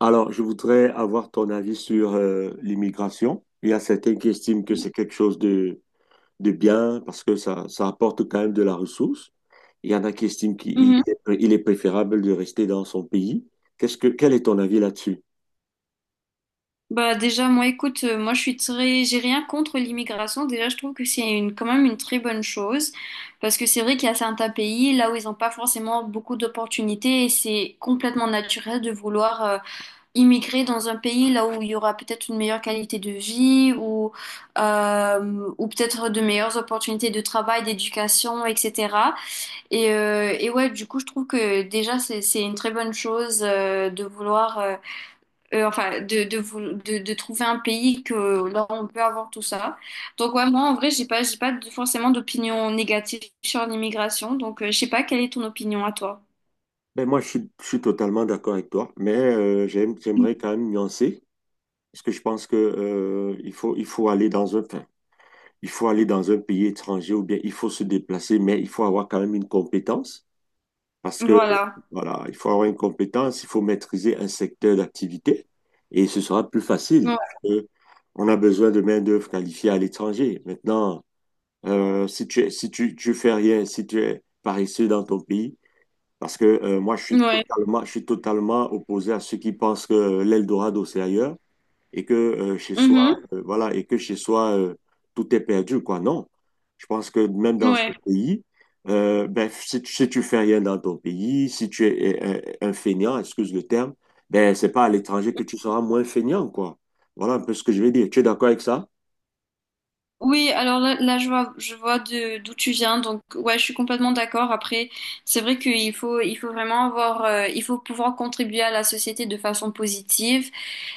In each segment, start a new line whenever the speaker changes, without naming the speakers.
Alors, je voudrais avoir ton avis sur l'immigration. Il y a certains qui estiment que c'est quelque chose de bien parce que ça apporte quand même de la ressource. Il y en a qui estiment
Mhm.
il est préférable de rester dans son pays. Quel est ton avis là-dessus?
Bah déjà moi écoute, moi je suis très j'ai rien contre l'immigration. Déjà je trouve que c'est une quand même une très bonne chose, parce que c'est vrai qu'il y a certains pays là où ils n'ont pas forcément beaucoup d'opportunités, et c'est complètement naturel de vouloir immigrer dans un pays là où il y aura peut-être une meilleure qualité de vie, ou ou peut-être de meilleures opportunités de travail, d'éducation, etc. Et ouais, du coup je trouve que déjà, c'est une très bonne chose, de vouloir enfin, de trouver un pays que là on peut avoir tout ça. Donc ouais, moi en vrai, j'ai pas de- forcément d'opinion négative sur l'immigration. Donc, je sais pas quelle est ton opinion à toi.
Ben moi, je suis totalement d'accord avec toi, mais j'aimerais quand même nuancer parce que je pense que il faut aller dans il faut aller dans un pays étranger ou bien il faut se déplacer, mais il faut avoir quand même une compétence parce que
Voilà.
voilà, il faut avoir une compétence, il faut maîtriser un secteur d'activité et ce sera plus facile,
Ouais.
parce que on a besoin de main-d'œuvre qualifiée à l'étranger. Maintenant, si tu, si tu, tu fais rien, si tu es paresseux dans ton pays, parce que moi,
Ouais.
je suis totalement opposé à ceux qui pensent que l'Eldorado, c'est ailleurs et que chez soi,
Mhm.
voilà, et que chez soi, tout est perdu, quoi. Non. Je pense que même dans
Ouais.
son pays, ben, si tu fais rien dans ton pays, si tu es feignant, excuse le terme, ben, c'est pas à l'étranger que tu seras moins feignant, quoi. Voilà un peu ce que je veux dire. Tu es d'accord avec ça?
Oui, alors là, je vois de d'où tu viens, donc ouais, je suis complètement d'accord. Après, c'est vrai qu'il faut vraiment avoir, il faut pouvoir contribuer à la société de façon positive.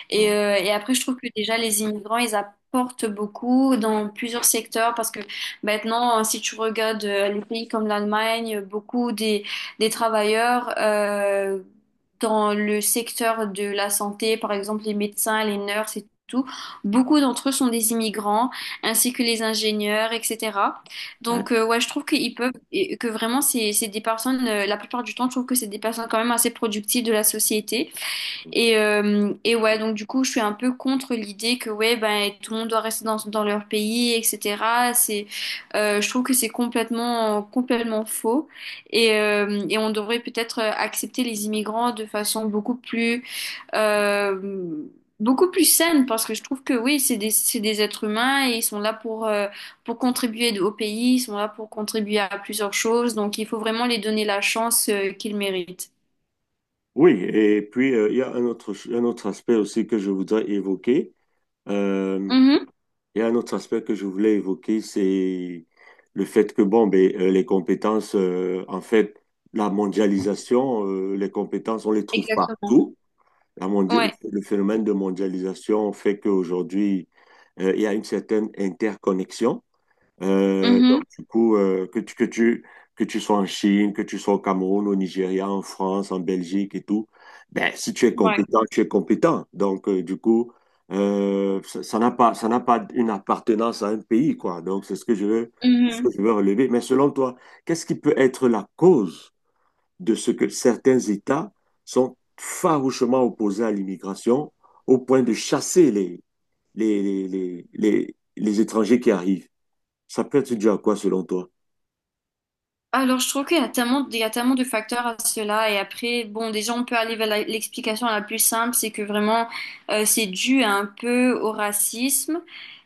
Et,
Ouais.
euh, et après, je trouve que déjà, les immigrants, ils apportent beaucoup dans plusieurs secteurs, parce que maintenant, si tu regardes les pays comme l'Allemagne, beaucoup des travailleurs, dans le secteur de la santé, par exemple les médecins, les nurses et tout, beaucoup d'entre eux sont des immigrants, ainsi que les ingénieurs, etc.
Ouais.
Donc, ouais, je trouve qu'ils peuvent, et que vraiment, c'est des personnes, la plupart du temps, je trouve que c'est des personnes quand même assez productives de la société. Et ouais, donc du coup, je suis un peu contre l'idée que ouais, ben, tout le monde doit rester dans leur pays, etc. Je trouve que c'est complètement faux. Et on devrait peut-être accepter les immigrants de façon euh, beaucoup plus saine, parce que je trouve que oui, c'est des êtres humains, et ils sont là pour contribuer au pays, ils sont là pour contribuer à plusieurs choses. Donc il faut vraiment les donner la chance, qu'ils méritent.
Oui, et puis il y a un autre aspect aussi que je voudrais évoquer. Euh,
Mhm,
Il y a un autre aspect que je voulais évoquer, c'est le fait que, bon, ben, les compétences, en fait, la mondialisation, les compétences, on les trouve
exactement.
partout. La mondia-
Ouais.
le phénomène de mondialisation fait qu'aujourd'hui, il y a une certaine interconnexion. Donc,
Mhm.
du coup, que tu sois en Chine, que tu sois au Cameroun, au Nigeria, en France, en Belgique et tout, ben, si tu es
Ouais.
compétent, tu es compétent. Donc, du coup, ça n'a pas une appartenance à un pays, quoi. Donc, c'est ce que je veux, ce
Mhm.
que je veux relever. Mais selon toi, qu'est-ce qui peut être la cause de ce que certains États sont farouchement opposés à l'immigration au point de chasser les, les étrangers qui arrivent? Ça peut être dû à quoi selon toi?
Alors, je trouve qu'il y a tellement de facteurs à cela. Et après, bon, déjà, on peut aller vers l'explication la plus simple, c'est que vraiment, c'est dû un peu au racisme.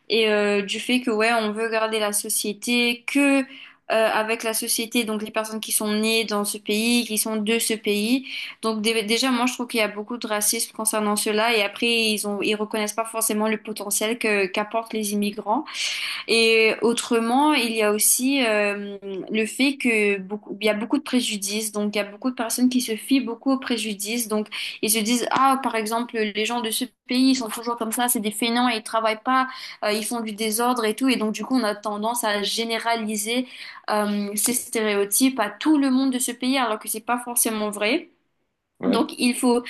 Et du fait que, ouais, on veut garder la société, que avec la société, donc les personnes qui sont nées dans ce pays, qui sont de ce pays. Donc, déjà, moi, je trouve qu'il y a beaucoup de racisme concernant cela. Et après, ils reconnaissent pas forcément le potentiel que, qu'apportent les immigrants. Et autrement, il y a aussi le fait que beaucoup, il y a beaucoup de préjudices. Donc, il y a beaucoup de personnes qui se fient beaucoup aux préjudices. Donc, ils se disent, ah, par exemple, les gens de ce pays, ils sont toujours comme ça, c'est des fainéants et ils travaillent pas, ils font du désordre et tout. Et donc, du coup, on a tendance à généraliser ces stéréotypes à tout le monde de ce pays, alors que c'est pas forcément vrai.
Ouais.
Donc, il faut.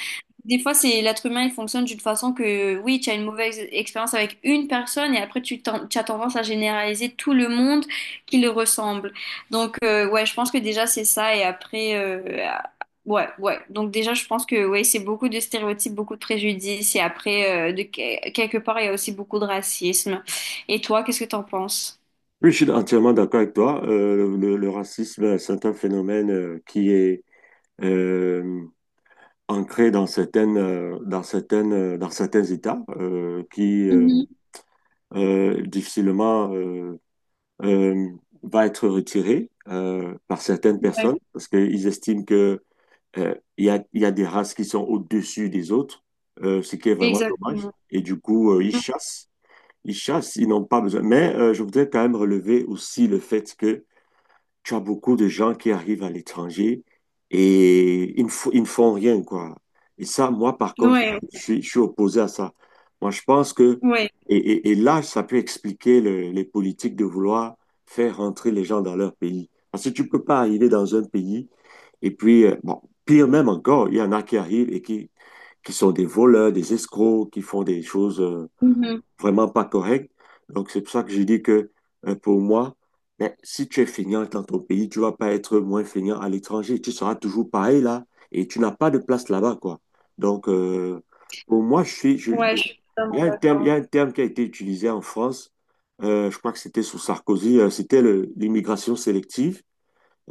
Des fois, c'est l'être humain, il fonctionne d'une façon que, oui, tu as une mauvaise expérience avec une personne, et après, tu as tendance à généraliser tout le monde qui le ressemble. Donc, ouais, je pense que déjà, c'est ça. Et après, ah, ouais, ouais. Donc, déjà, je pense que, ouais, c'est beaucoup de stéréotypes, beaucoup de préjudices. Et après, quelque part, il y a aussi beaucoup de racisme. Et toi, qu'est-ce que t'en penses?
Oui, je suis entièrement d'accord avec toi. Le racisme, c'est un phénomène qui est euh, ancré dans dans certains États, qui
Mhm.
difficilement euh, va être retiré par certaines
Ouais,
personnes parce qu'ils estiment que il y a des races qui sont au-dessus des autres, ce qui est vraiment dommage.
exactement.
Et du coup, ils chassent. Ils chassent, ils n'ont pas besoin. Mais je voudrais quand même relever aussi le fait que tu as beaucoup de gens qui arrivent à l'étranger et ils ne font rien, quoi. Et ça, moi, par contre,
Ouais,
je suis opposé à ça. Moi, je pense que,
ouais.
et là, ça peut expliquer les politiques de vouloir faire rentrer les gens dans leur pays. Parce que tu ne peux pas arriver dans un pays et puis, bon, pire même encore, il y en a qui arrivent qui sont des voleurs, des escrocs, qui font des choses
Mhm.
vraiment pas correct. Donc, c'est pour ça que j'ai dit que pour moi, ben, si tu es feignant dans ton pays, tu ne vas pas être moins feignant à l'étranger. Tu seras toujours pareil là et tu n'as pas de place là-bas, quoi. Donc, pour moi,
Ouais, je suis totalement
il y
d'accord.
a un terme qui a été utilisé en France, je crois que c'était sous Sarkozy, c'était l'immigration sélective.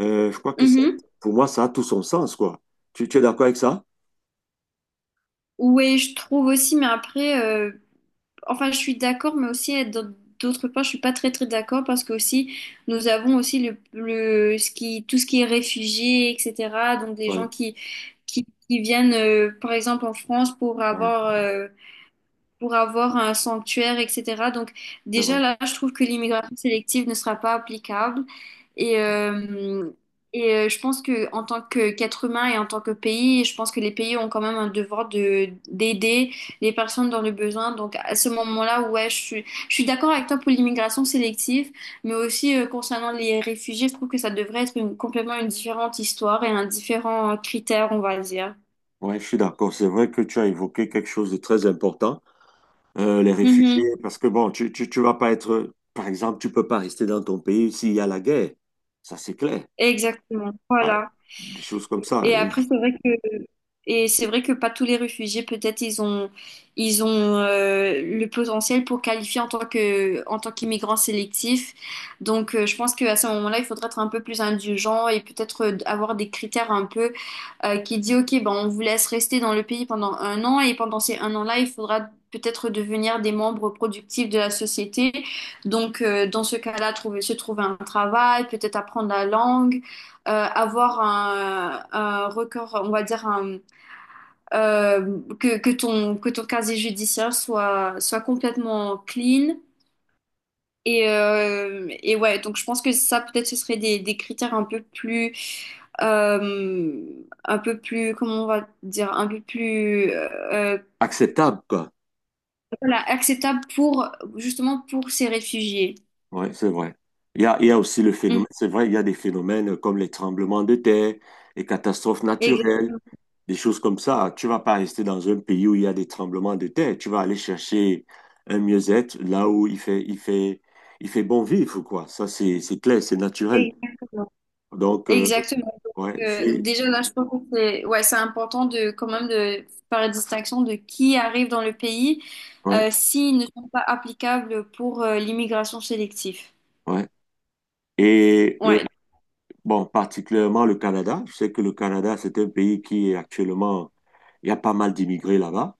Je crois que
Mhm.
pour moi, ça a tout son sens, quoi. Tu es d'accord avec ça?
Oui, je trouve aussi, mais après, enfin, je suis d'accord, d'autre part, je suis pas très très d'accord, parce que aussi, nous avons aussi le ce qui, tout ce qui est réfugié, etc. Donc des gens
Oui,
qui viennent, par exemple, en France
oui,
pour avoir un sanctuaire, etc. Donc
c'est
déjà
vrai.
là, je trouve que l'immigration sélective ne sera pas applicable. Et, euh, et je pense que en tant que qu'être humain, et en tant que pays, je pense que les pays ont quand même un devoir de d'aider les personnes dans le besoin. Donc à ce moment-là, ouais, je suis d'accord avec toi pour l'immigration sélective, mais aussi concernant les réfugiés, je trouve que ça devrait être complètement une différente histoire et un différent critère, on va dire.
Ouais, je suis d'accord. C'est vrai que tu as évoqué quelque chose de très important, les réfugiés,
Mhm.
parce que bon, tu vas pas être, par exemple, tu peux pas rester dans ton pays s'il y a la guerre. Ça, c'est clair.
Exactement.
Ouais,
Voilà.
des choses comme ça,
Et après, c'est vrai que et c'est vrai que pas tous les réfugiés, peut-être ils ont le potentiel pour qualifier en tant que en tant qu'immigrant sélectif. Donc je pense qu'à ce moment-là, il faudrait être un peu plus indulgent, et peut-être avoir des critères un peu, qui dit, OK, ben, on vous laisse rester dans le pays pendant un an, et pendant ces un an-là, il faudra peut-être devenir des membres productifs de la société. Donc, dans ce cas-là, se trouver un travail, peut-être apprendre la langue, avoir un record, on va dire, que ton casier judiciaire soit complètement clean. Et ouais, donc je pense que ça, peut-être ce serait des critères euh, un peu plus, comment on va dire, un peu plus,
acceptables, quoi.
voilà, acceptable pour, justement, pour ces réfugiés.
Ouais, c'est vrai. Il y a aussi le
Mhm.
phénomène, c'est vrai, il y a des phénomènes comme les tremblements de terre, les catastrophes naturelles,
Exactement.
des choses comme ça. Tu vas pas rester dans un pays où il y a des tremblements de terre. Tu vas aller chercher un mieux-être là où il fait bon vivre, quoi. Ça, c'est clair, c'est naturel.
Exactement.
Donc,
Exactement.
ouais,
Déjà là, je pense que c'est, ouais, c'est important de, quand même, de faire la distinction de qui arrive dans le pays,
ouais,
s'ils ne sont pas applicables pour, l'immigration sélective.
ouais. Et
Ouais.
bon, particulièrement le Canada. Je sais que le Canada, c'est un pays qui est actuellement, il y a pas mal d'immigrés là-bas.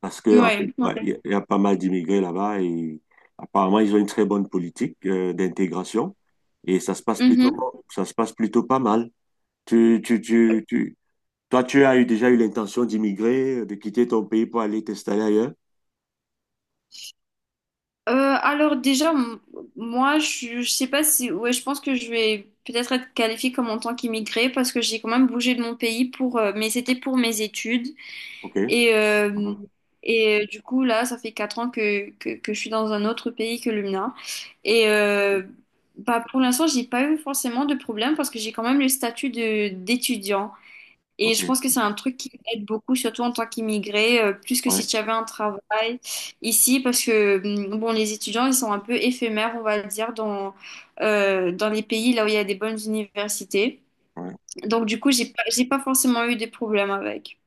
Parce que, hein,
Ouais.
ouais, il y a pas mal d'immigrés là-bas et apparemment, ils ont une très bonne politique d'intégration et ça se passe
Ouais.
ça se passe plutôt pas mal. Tu, tu, tu, tu, toi, déjà eu l'intention d'immigrer, de quitter ton pays pour aller t'installer ailleurs?
Euh, alors déjà, moi, je sais pas si, ouais, je pense que je vais peut-être être qualifiée comme en tant qu'immigrée, parce que j'ai quand même bougé de mon pays pour, mais c'était pour mes études.
OK.
et euh,
Mhm.
et euh, du coup là, ça fait 4 ans que je suis dans un autre pays que le mien. Et bah pour l'instant, j'ai pas eu forcément de problème, parce que j'ai quand même le statut de d'étudiant. Et
OK.
je
Ok.
pense que c'est un truc qui aide beaucoup, surtout en tant qu'immigré, plus que
Ouais.
si tu avais un travail ici, parce que bon, les étudiants, ils sont un peu éphémères, on va dire, dans, dans les pays là où il y a des bonnes universités.
Ouais.
Donc du coup, j'ai pas forcément eu des problèmes avec.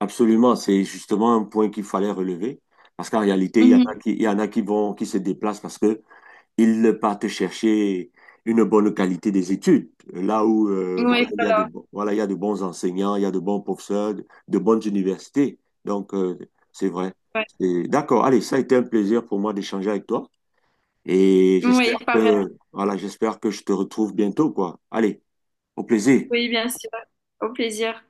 Absolument. C'est justement un point qu'il fallait relever parce qu'en réalité,
Mhm.
il y en a qui vont, qui se déplacent parce que ils partent chercher une bonne qualité des études. Là où
Oui,
il y a
voilà,
il y a de bons enseignants, il y a de bons professeurs, de bonnes universités. Donc, c'est vrai.
ouais.
D'accord. Allez, ça a été un plaisir pour moi d'échanger avec toi. Et j'espère
Oui, pareil.
que, voilà, j'espère que je te retrouve bientôt, quoi. Allez, au plaisir.
Oui, bien sûr. Au plaisir.